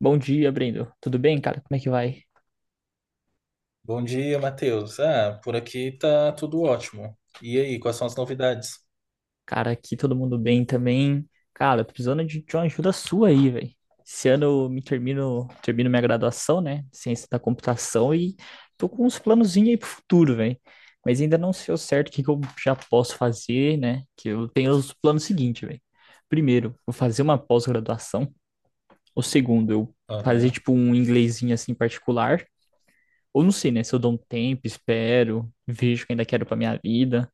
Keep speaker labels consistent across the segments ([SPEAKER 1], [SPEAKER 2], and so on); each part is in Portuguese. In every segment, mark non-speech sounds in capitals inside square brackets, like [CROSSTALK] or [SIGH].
[SPEAKER 1] Bom dia, Brendo. Tudo bem, cara? Como é que vai?
[SPEAKER 2] Bom dia, Matheus. Ah, por aqui tá tudo ótimo. E aí, quais são as novidades?
[SPEAKER 1] Cara, aqui todo mundo bem também. Cara, tô precisando de uma ajuda sua aí, velho. Esse ano eu termino minha graduação, né? Ciência da computação e tô com uns planozinhos aí pro futuro, velho. Mas ainda não sei ao certo o que que eu já posso fazer, né? Que eu tenho os planos seguintes, velho. Primeiro, vou fazer uma pós-graduação. O segundo, eu fazer
[SPEAKER 2] Aham.
[SPEAKER 1] tipo um inglesinho assim particular. Ou não sei, né? Se eu dou um tempo, espero, vejo o que ainda quero pra minha vida.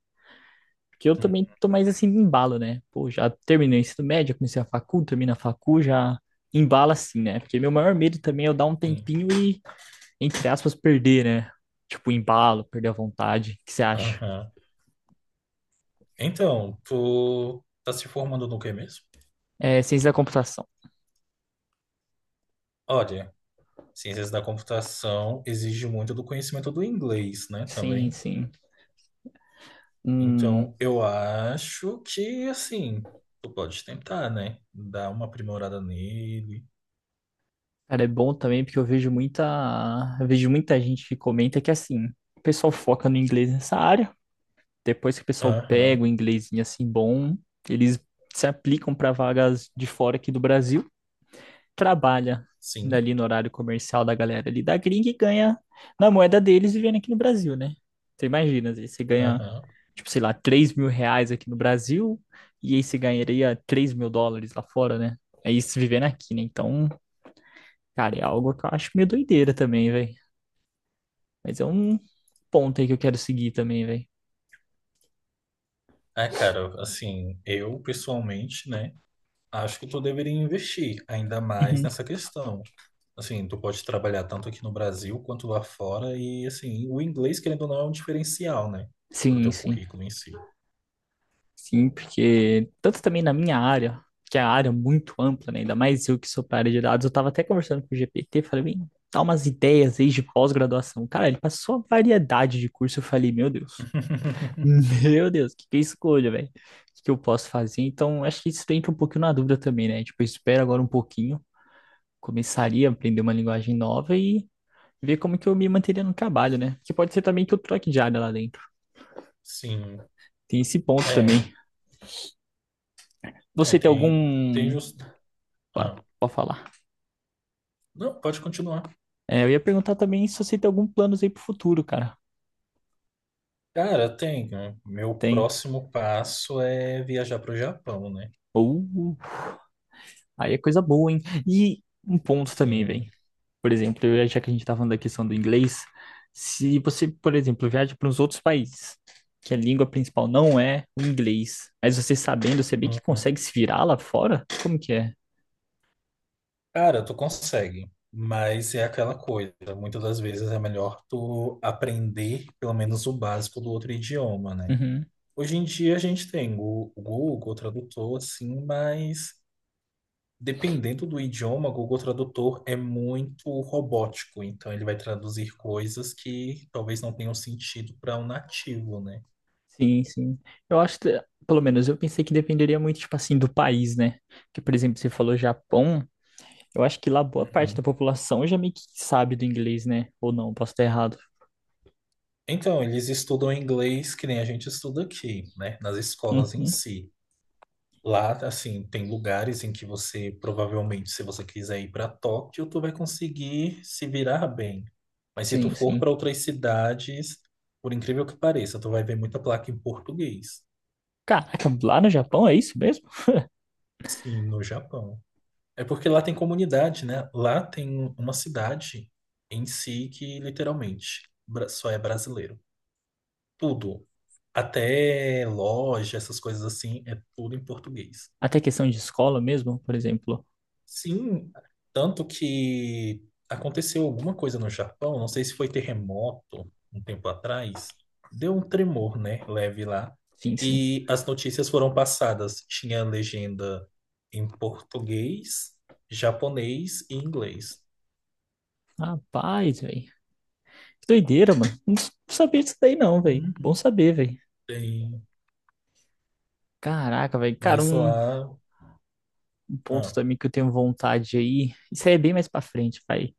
[SPEAKER 1] Porque eu
[SPEAKER 2] Hum,
[SPEAKER 1] também tô mais assim, embalo, né? Pô, já terminei o ensino médio, comecei a facul, termino a facul, já embala assim, né? Porque meu maior medo também é eu dar um
[SPEAKER 2] Sim.
[SPEAKER 1] tempinho e, entre aspas, perder, né? Tipo, embalo, perder a vontade. O que você acha?
[SPEAKER 2] Aham. Então, tu tá se formando no que mesmo?
[SPEAKER 1] É, ciência da computação.
[SPEAKER 2] Olha, ciências da computação exige muito do conhecimento do inglês, né, também.
[SPEAKER 1] Sim, sim. Hum,
[SPEAKER 2] Então, eu acho que, assim, tu pode tentar, né, dar uma aprimorada nele.
[SPEAKER 1] cara, é bom também porque eu vejo muita gente que comenta que assim, o pessoal foca no inglês nessa área, depois que o pessoal
[SPEAKER 2] Aham,
[SPEAKER 1] pega o inglesinho assim bom, eles se aplicam para vagas de fora aqui do Brasil, trabalha
[SPEAKER 2] sim.
[SPEAKER 1] ali no horário comercial da galera ali da gringa e ganha na moeda deles vivendo aqui no Brasil, né? Você imagina, às vezes você ganha,
[SPEAKER 2] Aham.
[SPEAKER 1] tipo, sei lá, R$ 3.000 aqui no Brasil e aí você ganharia US$ 3.000 lá fora, né? É isso vivendo aqui, né? Então, cara, é algo que eu acho meio doideira também, velho. Mas é um ponto aí que eu quero seguir também, velho.
[SPEAKER 2] Ah, cara, assim, eu pessoalmente, né? Acho que tu deveria investir ainda mais
[SPEAKER 1] Uhum.
[SPEAKER 2] nessa questão. Assim, tu pode trabalhar tanto aqui no Brasil quanto lá fora e, assim, o inglês, querendo ou não, é um diferencial, né? Pro
[SPEAKER 1] Sim,
[SPEAKER 2] teu
[SPEAKER 1] sim.
[SPEAKER 2] currículo em si.
[SPEAKER 1] Sim, porque tanto também na minha área, que é a área muito ampla, né? Ainda mais eu que sou para a área de dados, eu estava até conversando com o GPT, falei, bem, dá umas ideias aí de pós-graduação. Cara, ele passou uma variedade de curso, eu falei, meu Deus, [LAUGHS]
[SPEAKER 2] [LAUGHS]
[SPEAKER 1] meu Deus, o que que eu escolho, velho? O que que eu posso fazer? Então, acho que isso entra um pouquinho na dúvida também, né? Tipo, eu espero agora um pouquinho, começaria a aprender uma linguagem nova e ver como que eu me manteria no trabalho, né? Que pode ser também que eu troque de área lá dentro.
[SPEAKER 2] Sim,
[SPEAKER 1] Tem esse ponto
[SPEAKER 2] é,
[SPEAKER 1] também.
[SPEAKER 2] né,
[SPEAKER 1] Você tem
[SPEAKER 2] tem, tem
[SPEAKER 1] algum...
[SPEAKER 2] jus-
[SPEAKER 1] Ah,
[SPEAKER 2] ah,
[SPEAKER 1] pode falar.
[SPEAKER 2] não, pode continuar.
[SPEAKER 1] É, eu ia perguntar também se você tem algum planos aí pro futuro, cara.
[SPEAKER 2] Cara, tem, né, meu
[SPEAKER 1] Tem.
[SPEAKER 2] próximo passo é viajar para o Japão, né?
[SPEAKER 1] Uh, aí é coisa boa, hein? E um ponto também, velho.
[SPEAKER 2] Sim,
[SPEAKER 1] Já que a gente tá falando da questão do inglês, se você, por exemplo, viaja para uns outros países, que a língua principal não é o inglês, mas você sabendo, você bem que
[SPEAKER 2] uhum.
[SPEAKER 1] consegue se virar lá fora? Como que é?
[SPEAKER 2] Cara, tu consegue, mas é aquela coisa. Muitas das vezes é melhor tu aprender pelo menos o básico do outro idioma, né?
[SPEAKER 1] Uhum.
[SPEAKER 2] Hoje em dia a gente tem o Google Tradutor, assim, mas dependendo do idioma, o Google Tradutor é muito robótico, então ele vai traduzir coisas que talvez não tenham sentido para um nativo, né?
[SPEAKER 1] Sim, sim. Eu acho que, pelo menos, eu pensei que dependeria muito, tipo assim, do país, né? Que, por exemplo, você falou Japão. Eu acho que lá boa parte
[SPEAKER 2] Uhum.
[SPEAKER 1] da população já meio que sabe do inglês, né? Ou não, posso estar errado.
[SPEAKER 2] Então, eles estudam inglês que nem a gente estuda aqui, né? Nas escolas em
[SPEAKER 1] Uhum,
[SPEAKER 2] si. Lá, assim, tem lugares em que você provavelmente, se você quiser ir para Tóquio, tu vai conseguir se virar bem. Mas se tu
[SPEAKER 1] sim,
[SPEAKER 2] for
[SPEAKER 1] sim.
[SPEAKER 2] para outras cidades, por incrível que pareça, tu vai ver muita placa em português.
[SPEAKER 1] Caraca, lá no Japão é isso mesmo?
[SPEAKER 2] Sim, no Japão. É porque lá tem comunidade, né? Lá tem uma cidade em si que literalmente só é brasileiro. Tudo, até loja, essas coisas assim, é tudo em português.
[SPEAKER 1] Até questão de escola mesmo, por exemplo.
[SPEAKER 2] Sim, tanto que aconteceu alguma coisa no Japão, não sei se foi terremoto um tempo atrás, deu um tremor, né, leve lá,
[SPEAKER 1] Sim, sim.
[SPEAKER 2] e as notícias foram passadas, tinha a legenda em português, japonês e inglês.
[SPEAKER 1] Rapaz, velho. Que doideira, mano. Não sabia disso daí não, velho. Bom
[SPEAKER 2] Uhum.
[SPEAKER 1] saber, velho.
[SPEAKER 2] Tem,
[SPEAKER 1] Caraca, velho.
[SPEAKER 2] mas lá,
[SPEAKER 1] Um ponto
[SPEAKER 2] ah,
[SPEAKER 1] também que eu tenho vontade aí. Isso aí é bem mais pra frente, vai.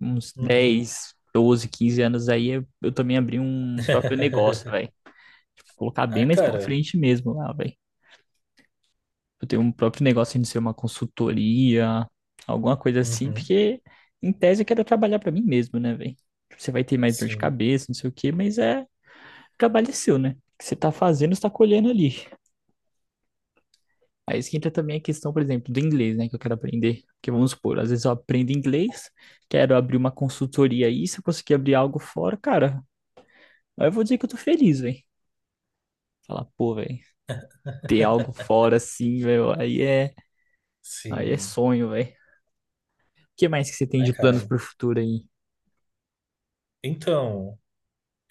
[SPEAKER 1] Uns
[SPEAKER 2] uhum.
[SPEAKER 1] 10, 12, 15 anos aí, eu também abri um próprio negócio, velho.
[SPEAKER 2] [LAUGHS]
[SPEAKER 1] Tipo, colocar bem
[SPEAKER 2] Ah,
[SPEAKER 1] mais pra
[SPEAKER 2] cara,
[SPEAKER 1] frente mesmo lá, velho. Eu tenho um próprio negócio de ser uma consultoria, alguma coisa assim,
[SPEAKER 2] uhum.
[SPEAKER 1] porque em tese eu quero trabalhar pra mim mesmo, né, velho? Você vai ter mais dor de
[SPEAKER 2] Sim,
[SPEAKER 1] cabeça, não sei o quê, mas é o trabalho é seu, né? O que você tá fazendo, você tá colhendo ali. Aí isso que entra também a questão, por exemplo, do inglês, né, que eu quero aprender. Porque vamos supor, às vezes eu aprendo inglês, quero abrir uma consultoria aí, se eu conseguir abrir algo fora, cara, aí eu vou dizer que eu tô feliz, velho. Falar, pô, velho, ter algo fora assim, velho, aí é
[SPEAKER 2] sim.
[SPEAKER 1] sonho, velho. O que mais que você tem
[SPEAKER 2] Ah,
[SPEAKER 1] de
[SPEAKER 2] cara,
[SPEAKER 1] planos pro futuro aí?
[SPEAKER 2] então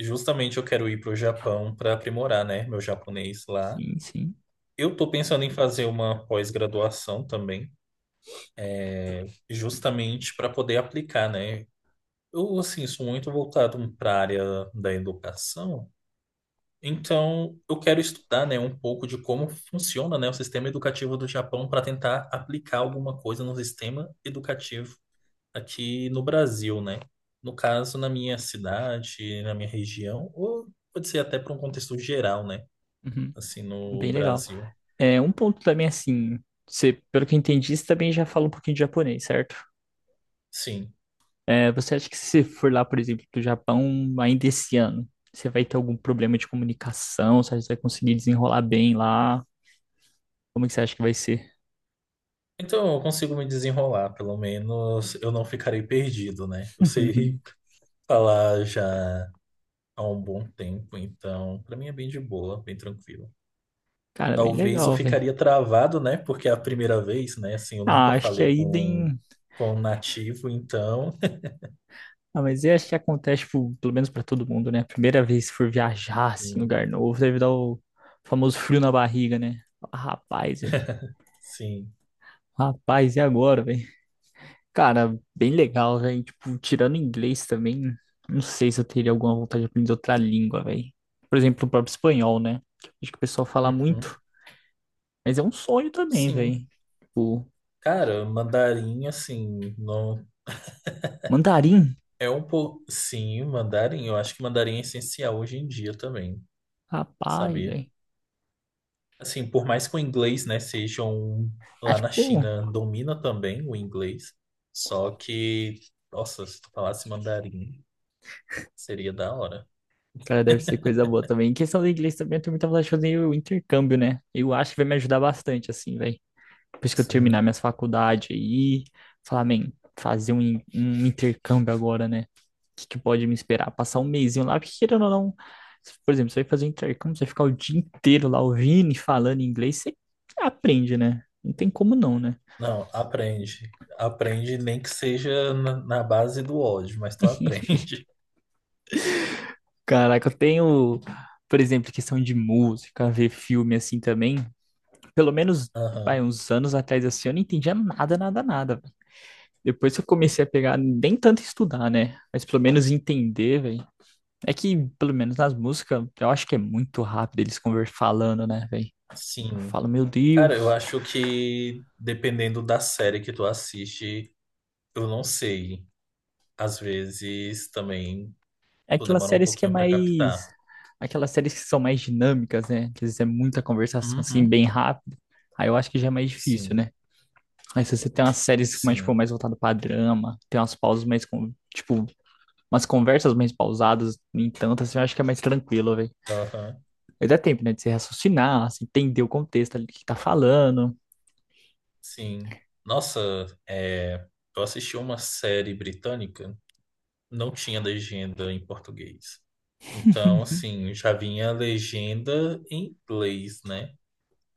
[SPEAKER 2] justamente eu quero ir para o Japão para aprimorar, né, meu japonês lá.
[SPEAKER 1] Sim, sim.
[SPEAKER 2] Eu estou pensando em fazer uma pós-graduação também, justamente para poder aplicar, né? Eu, assim, sou muito voltado para a área da educação, então eu quero estudar, né, um pouco de como funciona, né, o sistema educativo do Japão para tentar aplicar alguma coisa no sistema educativo aqui no Brasil, né? No caso, na minha cidade, na minha região, ou pode ser até para um contexto geral, né?
[SPEAKER 1] Uhum.
[SPEAKER 2] Assim, no
[SPEAKER 1] Bem legal.
[SPEAKER 2] Brasil.
[SPEAKER 1] É, um ponto também assim, você, pelo que eu entendi, você também já fala um pouquinho de japonês, certo?
[SPEAKER 2] Sim.
[SPEAKER 1] É, você acha que se você for lá, por exemplo, do Japão ainda esse ano, você vai ter algum problema de comunicação? Você acha que você vai conseguir desenrolar bem lá? Como é que você acha que vai ser?
[SPEAKER 2] Então, eu consigo me desenrolar, pelo menos eu não ficarei perdido, né? Eu
[SPEAKER 1] [LAUGHS]
[SPEAKER 2] sei [LAUGHS] falar já há um bom tempo, então para mim é bem de boa, bem tranquilo.
[SPEAKER 1] Cara, bem
[SPEAKER 2] Talvez eu
[SPEAKER 1] legal, velho.
[SPEAKER 2] ficaria travado, né? Porque é a primeira vez, né? Assim, eu
[SPEAKER 1] Ah,
[SPEAKER 2] nunca
[SPEAKER 1] acho que
[SPEAKER 2] falei
[SPEAKER 1] aí tem.
[SPEAKER 2] com um nativo, então.
[SPEAKER 1] Ah, mas eu acho que acontece, tipo, pelo menos pra todo mundo, né? Primeira vez que for viajar,
[SPEAKER 2] [LAUGHS]
[SPEAKER 1] assim, em
[SPEAKER 2] Sim,
[SPEAKER 1] lugar novo, deve dar o famoso frio na barriga, né? Ah, rapaz, velho.
[SPEAKER 2] sim.
[SPEAKER 1] Rapaz, e agora, velho? Cara, bem legal, velho. Tipo, tirando inglês também, não sei se eu teria alguma vontade de aprender outra língua, velho. Por exemplo, o próprio espanhol, né? Acho que o pessoal fala
[SPEAKER 2] Uhum.
[SPEAKER 1] muito, mas é um sonho também,
[SPEAKER 2] Sim.
[SPEAKER 1] velho. Tipo,
[SPEAKER 2] Cara, mandarim, assim, não.
[SPEAKER 1] mandarim,
[SPEAKER 2] É um pouco. Sim, mandarim. Eu acho que mandarim é essencial hoje em dia também,
[SPEAKER 1] rapaz,
[SPEAKER 2] sabia?
[SPEAKER 1] velho.
[SPEAKER 2] Assim, por mais que o inglês, né, seja um... Lá
[SPEAKER 1] Acho que,
[SPEAKER 2] na
[SPEAKER 1] pô,
[SPEAKER 2] China domina também o inglês. Só que, nossa, se tu falasse mandarim, seria da hora.
[SPEAKER 1] cara, deve ser coisa boa também. Em questão do inglês também, eu tenho muita vontade de fazer o intercâmbio, né? Eu acho que vai me ajudar bastante, assim, velho. Depois que eu terminar
[SPEAKER 2] Sim.
[SPEAKER 1] minhas faculdades aí, falar, man, um intercâmbio agora, né? Que pode me esperar? Passar um mesinho lá, porque querendo ou não, por exemplo, você vai fazer um intercâmbio, você vai ficar o dia inteiro lá ouvindo e falando inglês, você aprende, né? Não tem como não, né?
[SPEAKER 2] Não, aprende. Aprende nem que seja na base do ódio, mas tu aprende.
[SPEAKER 1] Caraca, eu tenho, por exemplo, questão de música, ver filme assim também. Pelo menos,
[SPEAKER 2] [LAUGHS]
[SPEAKER 1] vai,
[SPEAKER 2] Aham.
[SPEAKER 1] uns anos atrás assim, eu não entendia nada, nada, nada. Véi. Depois que eu comecei a pegar, nem tanto estudar, né? Mas pelo menos entender, velho. É que, pelo menos nas músicas, eu acho que é muito rápido eles conversando, falando, né, velho? Eu
[SPEAKER 2] Sim.
[SPEAKER 1] falo, meu
[SPEAKER 2] Cara, eu
[SPEAKER 1] Deus.
[SPEAKER 2] acho que dependendo da série que tu assiste, eu não sei. Às vezes também
[SPEAKER 1] É
[SPEAKER 2] tu
[SPEAKER 1] aquelas
[SPEAKER 2] demora um
[SPEAKER 1] séries que é
[SPEAKER 2] pouquinho pra
[SPEAKER 1] mais.
[SPEAKER 2] captar.
[SPEAKER 1] Aquelas séries que são mais dinâmicas, né? Que às vezes é muita conversação, assim,
[SPEAKER 2] Uhum.
[SPEAKER 1] bem rápido. Aí eu acho que já é mais difícil,
[SPEAKER 2] Sim,
[SPEAKER 1] né? Aí se você tem umas séries mais, tipo,
[SPEAKER 2] sim.
[SPEAKER 1] mais voltadas pra drama, tem umas pausas mais, tipo, umas conversas mais pausadas, no entanto, assim, eu acho que é mais tranquilo, velho.
[SPEAKER 2] Aham.
[SPEAKER 1] Aí dá tempo, né, de você raciocinar, assim, entender o contexto ali que tá falando.
[SPEAKER 2] Sim. Nossa, é, eu assisti uma série britânica, não tinha legenda em português. Então, assim, já vinha a legenda em inglês, né?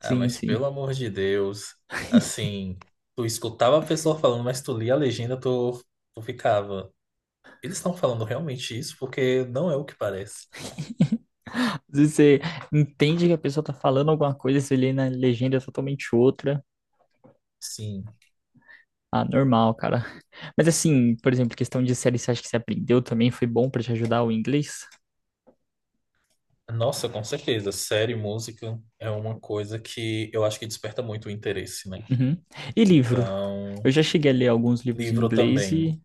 [SPEAKER 2] Ah, mas pelo
[SPEAKER 1] sim.
[SPEAKER 2] amor de Deus,
[SPEAKER 1] [LAUGHS]
[SPEAKER 2] assim, tu escutava a pessoa falando, mas tu lia a legenda, tu, tu ficava. Eles estão falando realmente isso? Porque não é o que parece.
[SPEAKER 1] Às... Você entende que a pessoa tá falando alguma coisa, se lê na legenda é totalmente outra.
[SPEAKER 2] Sim.
[SPEAKER 1] Ah, normal, cara. Mas assim, por exemplo, questão de série, você acha que você aprendeu também? Foi bom pra te ajudar o inglês?
[SPEAKER 2] Nossa, com certeza. Série, música é uma coisa que eu acho que desperta muito o interesse, né?
[SPEAKER 1] Uhum. E livro?
[SPEAKER 2] Então.
[SPEAKER 1] Eu já cheguei a ler alguns livros em
[SPEAKER 2] Livro
[SPEAKER 1] inglês
[SPEAKER 2] também.
[SPEAKER 1] e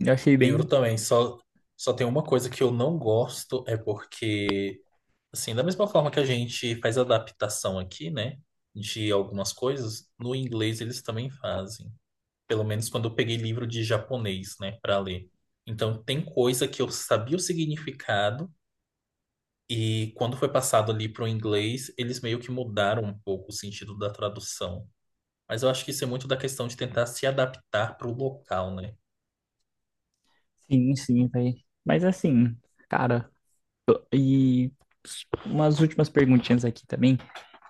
[SPEAKER 1] eu achei
[SPEAKER 2] Livro
[SPEAKER 1] bem.
[SPEAKER 2] também. Só, só tem uma coisa que eu não gosto, é porque, assim, da mesma forma que a gente faz adaptação aqui, né, de algumas coisas, no inglês eles também fazem. Pelo menos quando eu peguei livro de japonês, né, para ler. Então, tem coisa que eu sabia o significado, e quando foi passado ali pro inglês, eles meio que mudaram um pouco o sentido da tradução. Mas eu acho que isso é muito da questão de tentar se adaptar pro local, né?
[SPEAKER 1] Sim, sim, velho. Mas assim, cara, e umas últimas perguntinhas aqui também.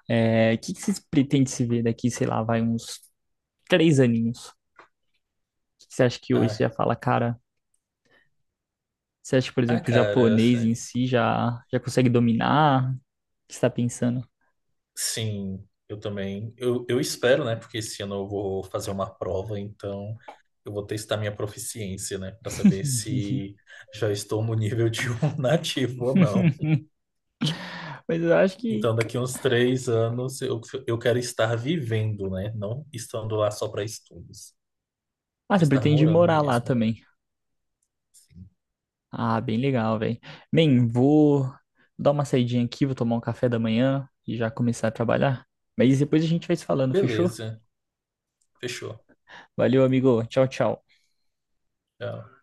[SPEAKER 1] É, o que que vocês pretendem se ver daqui, sei lá, vai uns três aninhos? O que que você acha que hoje você
[SPEAKER 2] Ah,
[SPEAKER 1] já fala, cara? Você acha que, por
[SPEAKER 2] ah,
[SPEAKER 1] exemplo, o
[SPEAKER 2] cara.
[SPEAKER 1] japonês em
[SPEAKER 2] Assim,
[SPEAKER 1] si já consegue dominar? O que você tá pensando?
[SPEAKER 2] sim, eu também. Eu espero, né? Porque esse ano eu vou fazer uma prova, então eu vou testar minha proficiência, né? Para saber
[SPEAKER 1] [LAUGHS]
[SPEAKER 2] se já estou no nível de um [LAUGHS] nativo ou não.
[SPEAKER 1] Mas eu acho que.
[SPEAKER 2] Então, daqui uns 3 anos eu quero estar vivendo, né? Não estando lá só para estudos.
[SPEAKER 1] Ah,
[SPEAKER 2] Quero
[SPEAKER 1] você
[SPEAKER 2] estar
[SPEAKER 1] pretende
[SPEAKER 2] morando
[SPEAKER 1] morar lá
[SPEAKER 2] mesmo.
[SPEAKER 1] também.
[SPEAKER 2] Sim.
[SPEAKER 1] Ah, bem legal, velho. Bem, vou dar uma saidinha aqui, vou tomar um café da manhã e já começar a trabalhar. Mas depois a gente vai se falando, fechou?
[SPEAKER 2] Beleza, fechou.
[SPEAKER 1] Valeu, amigo. Tchau, tchau.
[SPEAKER 2] Tchau.